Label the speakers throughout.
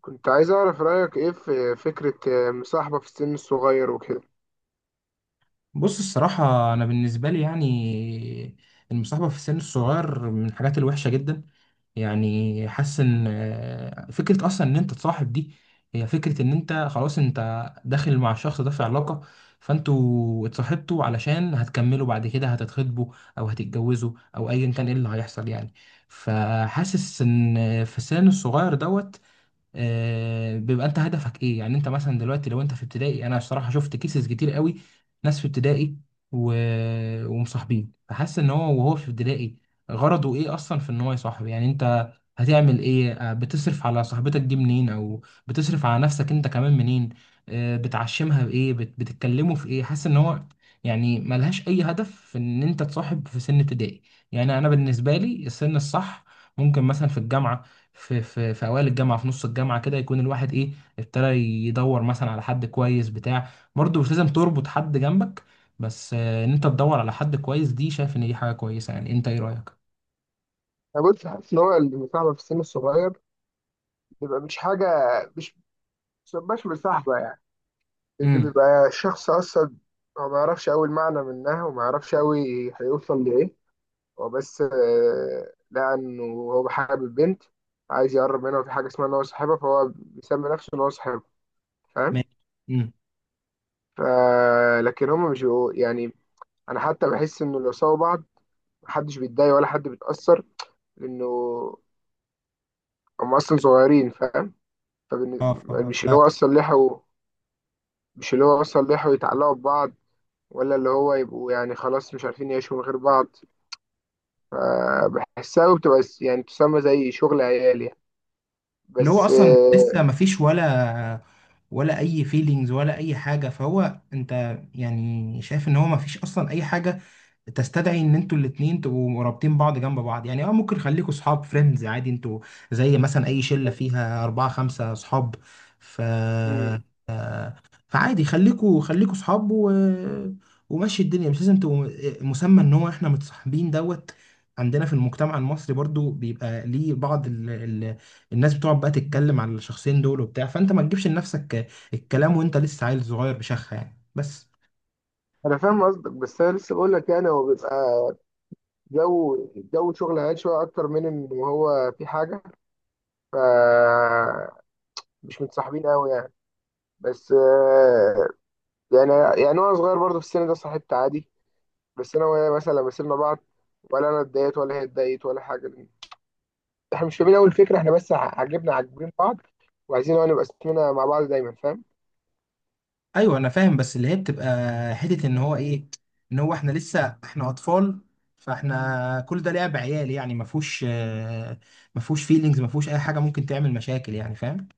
Speaker 1: كنت عايز أعرف رأيك إيه في فكرة مصاحبة في السن الصغير وكده.
Speaker 2: بص، الصراحة أنا بالنسبة لي يعني المصاحبة في السن الصغير من الحاجات الوحشة جدا. يعني حاسس إن فكرة أصلا إن أنت تصاحب دي هي فكرة إن أنت خلاص أنت داخل مع الشخص ده في علاقة، فأنتوا اتصاحبتوا علشان هتكملوا بعد كده هتتخطبوا أو هتتجوزوا أو أيا كان إيه اللي هيحصل يعني. فحاسس إن في السن الصغير دوت، بيبقى انت هدفك ايه؟ يعني انت مثلا دلوقتي لو انت في ابتدائي، انا بصراحه شفت كيسز كتير قوي. ناس في ابتدائي و... ومصاحبين، فحاسس ان هو وهو في ابتدائي غرضه ايه اصلا في ان هو يصاحب؟ يعني انت هتعمل ايه؟ بتصرف على صاحبتك دي منين او بتصرف على نفسك انت كمان منين؟ بتعشمها بايه؟ بتتكلموا في ايه؟ حاسس ان هو يعني ملهاش اي هدف في ان انت تصاحب في سن ابتدائي. يعني انا بالنسبه لي السن الصح ممكن مثلا في الجامعه، في اوائل الجامعه، في نص الجامعه كده، يكون الواحد ايه، ابتدى يدور مثلا على حد كويس بتاع. برضه مش لازم تربط حد جنبك، بس ان انت تدور على حد كويس دي، شايف ان دي حاجه كويسه. يعني انت ايه رايك؟
Speaker 1: أنا بص حاسس إن هو المصاحبة في السن الصغير بيبقى مش حاجة، مش مش مصاحبة، يعني ده
Speaker 2: امم.
Speaker 1: بيبقى الشخص أصلا. هو ما يعرفش أوي المعنى منها وما يعرفش أوي هيوصل لإيه. هو بس لقى إنه هو حابب بنت، عايز يقرب منها، وفي حاجة اسمها إن هو صاحبها، فهو بيسمي نفسه إن هو صاحبها، فاهم؟
Speaker 2: ماشي. امم.
Speaker 1: لكن هما مش يعني، أنا حتى بحس إنه لو سووا بعض محدش بيتضايق ولا حد بيتأثر، لأنه هم أصلا صغيرين، فاهم؟ فبن-
Speaker 2: اه.
Speaker 1: مش اللي هو أصلا لحقوا مش اللي هو أصلا لحقوا يتعلقوا ببعض، ولا اللي هو يبقوا يعني خلاص مش عارفين يعيشوا من غير بعض. فبحسها وبتبقى يعني تسمى زي شغل عيال، يعني
Speaker 2: اللي هو
Speaker 1: بس.
Speaker 2: اصلا لسه ما فيش ولا اي فيلينجز ولا اي حاجه، فهو انت يعني شايف ان هو ما فيش اصلا اي حاجه تستدعي ان انتوا الاتنين تبقوا رابطين بعض جنب بعض يعني. اه ممكن خليكوا صحاب، فريندز عادي انتوا، زي مثلا اي شلة فيها اربعة خمسة صحاب. ف
Speaker 1: مم.
Speaker 2: آه، فعادي خليكوا خليكوا صحاب ومشي الدنيا. مش لازم تبقوا مسمى ان هو احنا متصاحبين دوت. عندنا في المجتمع المصري برضو بيبقى ليه بعض الناس بتقعد بقى تتكلم على الشخصين دول وبتاع، فانت ما تجيبش لنفسك الكلام وانت لسه عيل صغير بشخة يعني، بس.
Speaker 1: أنا فاهم قصدك، بس أنا لسه بقول لك يعني هو بيبقى جو جو شغل عيال شوية أكتر من إن هو في حاجة، فمش متصاحبين أوي يعني. بس يعني يعني وانا صغير برضه في السن ده صاحبت عادي. بس انا وهي مثلا لما سيبنا بعض ولا انا اتضايقت ولا هي اتضايقت ولا حاجه، لأن احنا مش فاهمين اول فكره، احنا بس ع- عجبنا عاجبين بعض، وعايزين هو نبقى اسمنا مع بعض دايما، فاهم؟
Speaker 2: ايوه انا فاهم. بس اللي هي بتبقى حته ان هو ايه، ان هو احنا لسه احنا اطفال، فاحنا كل ده لعب عيال يعني. ما فيهوش فيلينجز، ما فيهوش اي حاجه ممكن تعمل مشاكل يعني، فاهم؟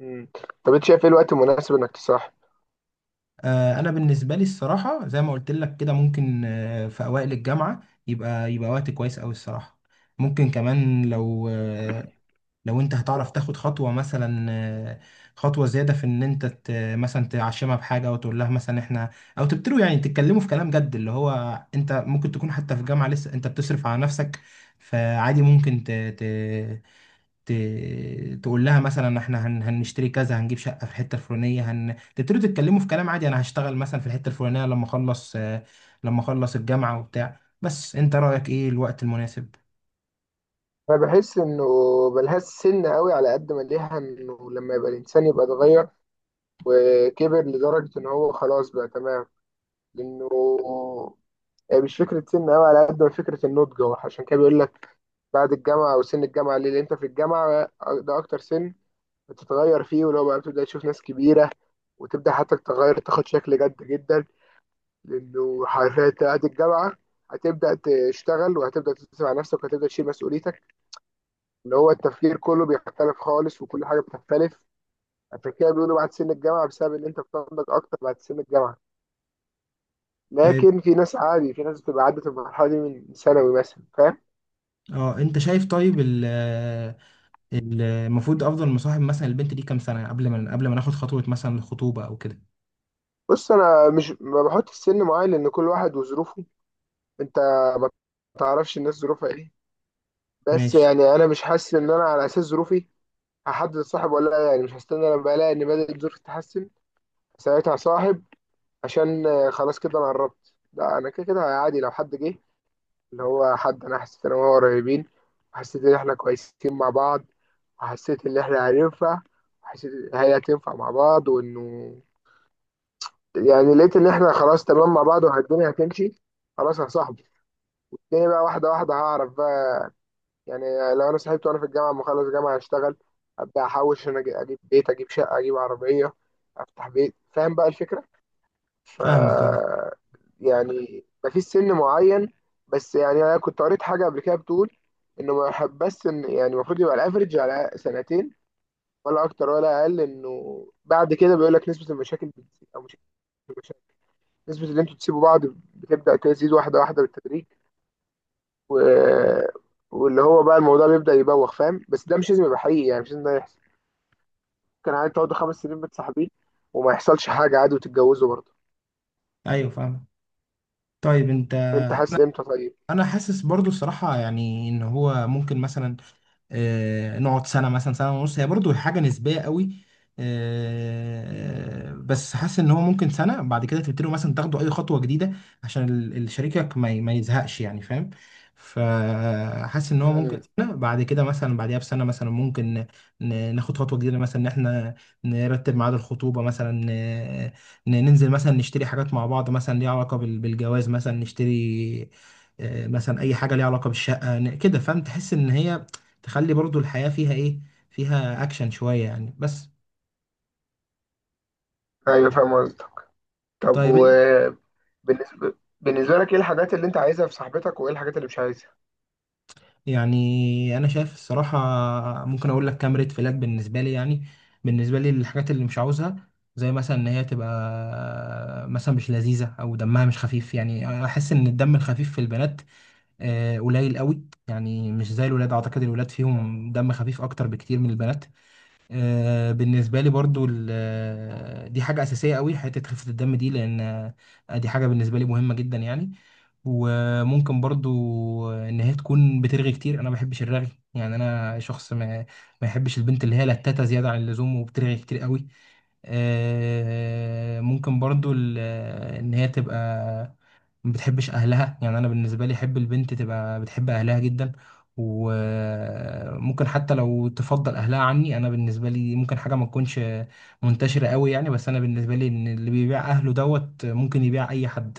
Speaker 1: مم. طب انت شايف ايه الوقت المناسب انك تصاحب؟
Speaker 2: انا بالنسبه لي الصراحه زي ما قلت لك كده، ممكن في اوائل الجامعه يبقى وقت كويس قوي الصراحه. ممكن كمان لو لو انت هتعرف تاخد خطوة مثلا، خطوة زيادة في ان انت مثلا تعشمها بحاجة او تقول لها مثلا احنا، او تبتدوا يعني تتكلموا في كلام جد، اللي هو انت ممكن تكون حتى في جامعة لسه انت بتصرف على نفسك، فعادي ممكن ت... تقول لها مثلا احنا هنشتري كذا، هنجيب شقة في الحتة الفلانية، تبتدوا تتكلموا في كلام عادي، انا هشتغل مثلا في الحتة الفلانية لما اخلص، لما اخلص الجامعة وبتاع. بس انت رأيك ايه الوقت المناسب؟
Speaker 1: انا بحس انه ملهاش سن قوي، على قد ما ليها انه لما يبقى الانسان يبقى اتغير وكبر لدرجه ان هو خلاص بقى تمام. لانه هي مش فكره سن قوي على قد ما فكره النضج، هو عشان كده بيقول لك بعد الجامعة أو سن الجامعة. ليه؟ لأن أنت في الجامعة، ده أكتر سن بتتغير فيه، واللي هو بقى بتبدأ تشوف ناس كبيرة، وتبدأ حتى تتغير، تاخد شكل جد جدا. لأنه حرفيا بعد الجامعة هتبدأ تشتغل، وهتبدأ تدرس مع نفسك، وهتبدأ تشيل مسؤوليتك، اللي هو التفكير كله بيختلف خالص وكل حاجة بتختلف. عشان كده بيقولوا بعد سن الجامعة، بسبب إن أنت بتنضج أكتر بعد سن الجامعة.
Speaker 2: طيب.
Speaker 1: لكن في ناس عادي في ناس بتبقى عدت المرحلة دي من ثانوي مثلا، فاهم؟
Speaker 2: اه انت شايف طيب، المفروض افضل مصاحب مثلا البنت دي كام سنه قبل ما ناخد خطوه مثلا الخطوبه او كده؟
Speaker 1: بص أنا مش ما بحط السن معين، لأن كل واحد وظروفه، انت ما تعرفش الناس ظروفها ايه. بس
Speaker 2: ماشي.
Speaker 1: يعني انا مش حاسس ان انا على اساس ظروفي هحدد الصاحب ولا لا، يعني مش هستنى لما الاقي ان بدات ظروفي تتحسن ساعتها صاحب، عشان خلاص كده انا قربت. لا انا كده كده عادي، لو حد جه اللي هو حد انا حسيت ان هو قريبين، وحسيت ان احنا كويسين مع بعض، وحسيت ان احنا هننفع، وحسيت ان هي هتنفع مع بعض، وانه يعني لقيت ان احنا خلاص تمام مع بعض والدنيا هتمشي، خلاص يا صاحبي، الدنيا بقى واحدة واحدة، هعرف بقى. يعني لو انا سحبت وانا في الجامعه اما اخلص جامعه اشتغل ابدا احوش عشان اجيب بيت، اجيب شقه، اجيب عربيه، افتح بيت، فاهم بقى الفكره؟ ف
Speaker 2: فاهمك. اه.
Speaker 1: يعني مفيش سن معين. بس يعني انا كنت قريت حاجه قبل كده بتقول انه ما يحب بس ان يعني المفروض يبقى الافرج على سنتين، ولا اكتر ولا اقل، انه بعد كده بيقول لك نسبه المشاكل بتزيد، او مش المشاكل نسبه اللي انتوا تسيبوا بعض بتبدا تزيد واحده واحده بالتدريج، و... واللي هو بقى الموضوع بيبدأ يبوخ، فاهم؟ بس ده مش لازم يبقى حقيقي، يعني مش لازم ده يحصل. ممكن عادي تقعدوا 5 سنين متصاحبين وما يحصلش حاجة عادي وتتجوزوا برضه.
Speaker 2: ايوه فاهمك. طيب انت.
Speaker 1: انت حاسس
Speaker 2: انا.
Speaker 1: امتى طيب؟
Speaker 2: أنا حاسس برضو الصراحه، يعني ان هو ممكن مثلا نقعد سنة مثلا، سنة ونص. هي برضو حاجة نسبية قوي. بس حاسس ان هو ممكن سنة بعد كده تبتدوا مثلا تاخدوا اي خطوة جديدة، عشان شريكك ما يزهقش يعني، فاهم؟ فحاسس ان هو ممكن
Speaker 1: امم
Speaker 2: سنة بعد كده مثلا، بعديها بسنة مثلا، ممكن ناخد خطوة جديدة مثلا ان احنا نرتب ميعاد الخطوبة مثلا، ننزل مثلا نشتري حاجات مع بعض مثلا ليها علاقة بالجواز، مثلا نشتري مثلا اي حاجة ليها علاقة بالشقة كده، فاهم؟ تحس ان هي تخلي برضو الحياة فيها ايه، فيها اكشن شوية يعني، بس.
Speaker 1: ايوه فاهم قصدك. طب
Speaker 2: طيب إن-
Speaker 1: بالنسبة لك ايه الحاجات اللي انت عايزها في صاحبتك وايه الحاجات اللي مش عايزها؟
Speaker 2: يعني انا شايف الصراحة ممكن اقول لك كام ريد فلاج بالنسبة لي يعني. بالنسبة لي الحاجات اللي مش عاوزها، زي مثلا ان هي تبقى مثلا مش لذيذة او دمها مش خفيف. يعني احس ان الدم الخفيف في البنات قليل قوي، يعني مش زي الولاد، اعتقد الولاد فيهم دم خفيف اكتر بكتير من البنات. بالنسبة لي برضو دي حاجة أساسية قوي حتة خفة الدم دي، لأن دي حاجة بالنسبة لي مهمة جدا يعني. وممكن برضو إن هي تكون بترغي كتير، أنا ما بحبش الرغي. يعني أنا شخص ما يحبش البنت اللي هي لتاتة زيادة عن اللزوم وبترغي كتير قوي. ممكن برضو ان هي تبقى ما بتحبش اهلها. يعني انا بالنسبه لي احب البنت تبقى بتحب اهلها جدا، وممكن حتى لو تفضل اهلها عني. انا بالنسبه لي ممكن حاجه ما تكونش منتشره قوي يعني، بس انا بالنسبه لي ان اللي بيبيع اهله دوت ممكن يبيع اي حد،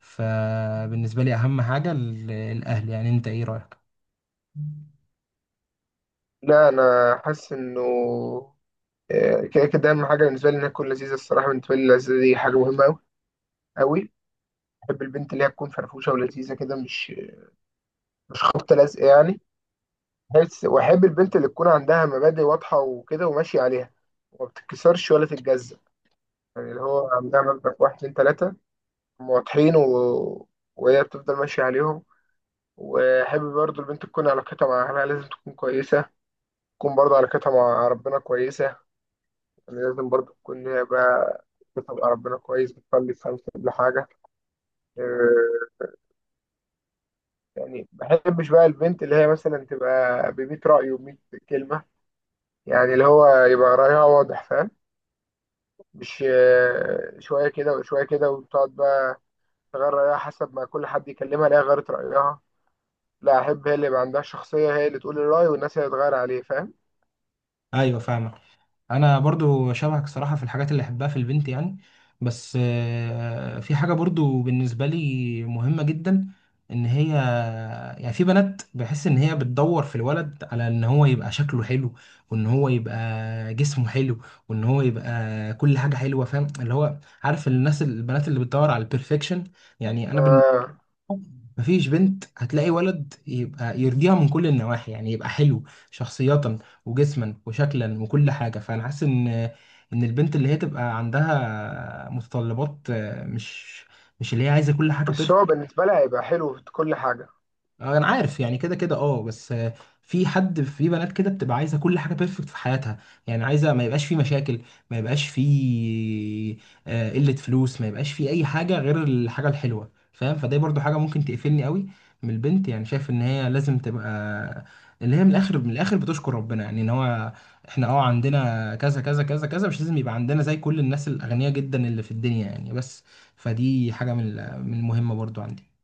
Speaker 2: فبالنسبه لي اهم حاجه الاهل. يعني انت ايه رايك؟
Speaker 1: لا انا حاسس انه كده كده اهم حاجة بالنسبة لي انها تكون لذيذة. الصراحة بالنسبة لي اللذيذة دي حاجة مهمة قوي قوي. بحب البنت اللي هي تكون فرفوشة ولذيذة كده، مش خبطة لازقة يعني. بس واحب البنت اللي تكون عندها مبادئ واضحه وكده وماشيه عليها، وما بتتكسرش ولا تتجزأ، يعني اللي هو عندها مبدأ واحد اتنين تلاته، هم واضحين، وهي بتفضل ماشيه عليهم. واحب برضو البنت تكون علاقتها مع اهلها لازم تكون كويسه، تكون برضو علاقتها مع ربنا كويسه. يعني لازم برضو تكون هي بقى علاقتها مع ربنا كويس، بتصلي 5 قبل حاجة. آه، يعني ما بحبش بقى البنت اللي هي مثلا تبقى بميت رأي وميت كلمة، يعني اللي هو يبقى رأيها واضح، فاهم؟ مش شوية كده وشوية كده، وتقعد بقى تغير رأيها حسب ما كل حد يكلمها، لا غيرت رأيها. لا، أحب هي اللي يبقى عندها شخصية، هي اللي تقول الرأي والناس هي اللي تغير عليه، فاهم؟
Speaker 2: ايوه فاهمك. انا برضو شبهك صراحة في الحاجات اللي احبها في البنت يعني، بس في حاجة برضو بالنسبة لي مهمة جدا ان هي، يعني في بنات بحس ان هي بتدور في الولد على ان هو يبقى شكله حلو وان هو يبقى جسمه حلو وان هو يبقى كل حاجة حلوة، فاهم؟ اللي هو عارف الناس البنات اللي بتدور على البرفكشن. يعني انا
Speaker 1: آه،
Speaker 2: مفيش بنت هتلاقي ولد يبقى يرضيها من كل النواحي، يعني يبقى حلو شخصية وجسما وشكلا وكل حاجة. فأنا حاسس إن البنت اللي هي تبقى عندها متطلبات مش اللي هي عايزة كل حاجة.
Speaker 1: بس هو بالنسبة لها هيبقى حلو في كل حاجة.
Speaker 2: انا عارف يعني كده كده اه، بس في حد في بنات كده بتبقى عايزه كل حاجه بيرفكت في حياتها، يعني عايزه ما يبقاش في مشاكل، ما يبقاش في قله فلوس، ما يبقاش في اي حاجه غير الحاجه الحلوه، فاهم؟ فده برضو حاجه ممكن تقفلني قوي من البنت. يعني شايف ان هي لازم تبقى اللي هي من الاخر من الاخر بتشكر ربنا، يعني ان هو احنا عندنا كذا كذا كذا كذا، مش لازم يبقى عندنا زي كل الناس الاغنياء جدا اللي في الدنيا يعني بس. فدي حاجه من من المهمه برضو عندي.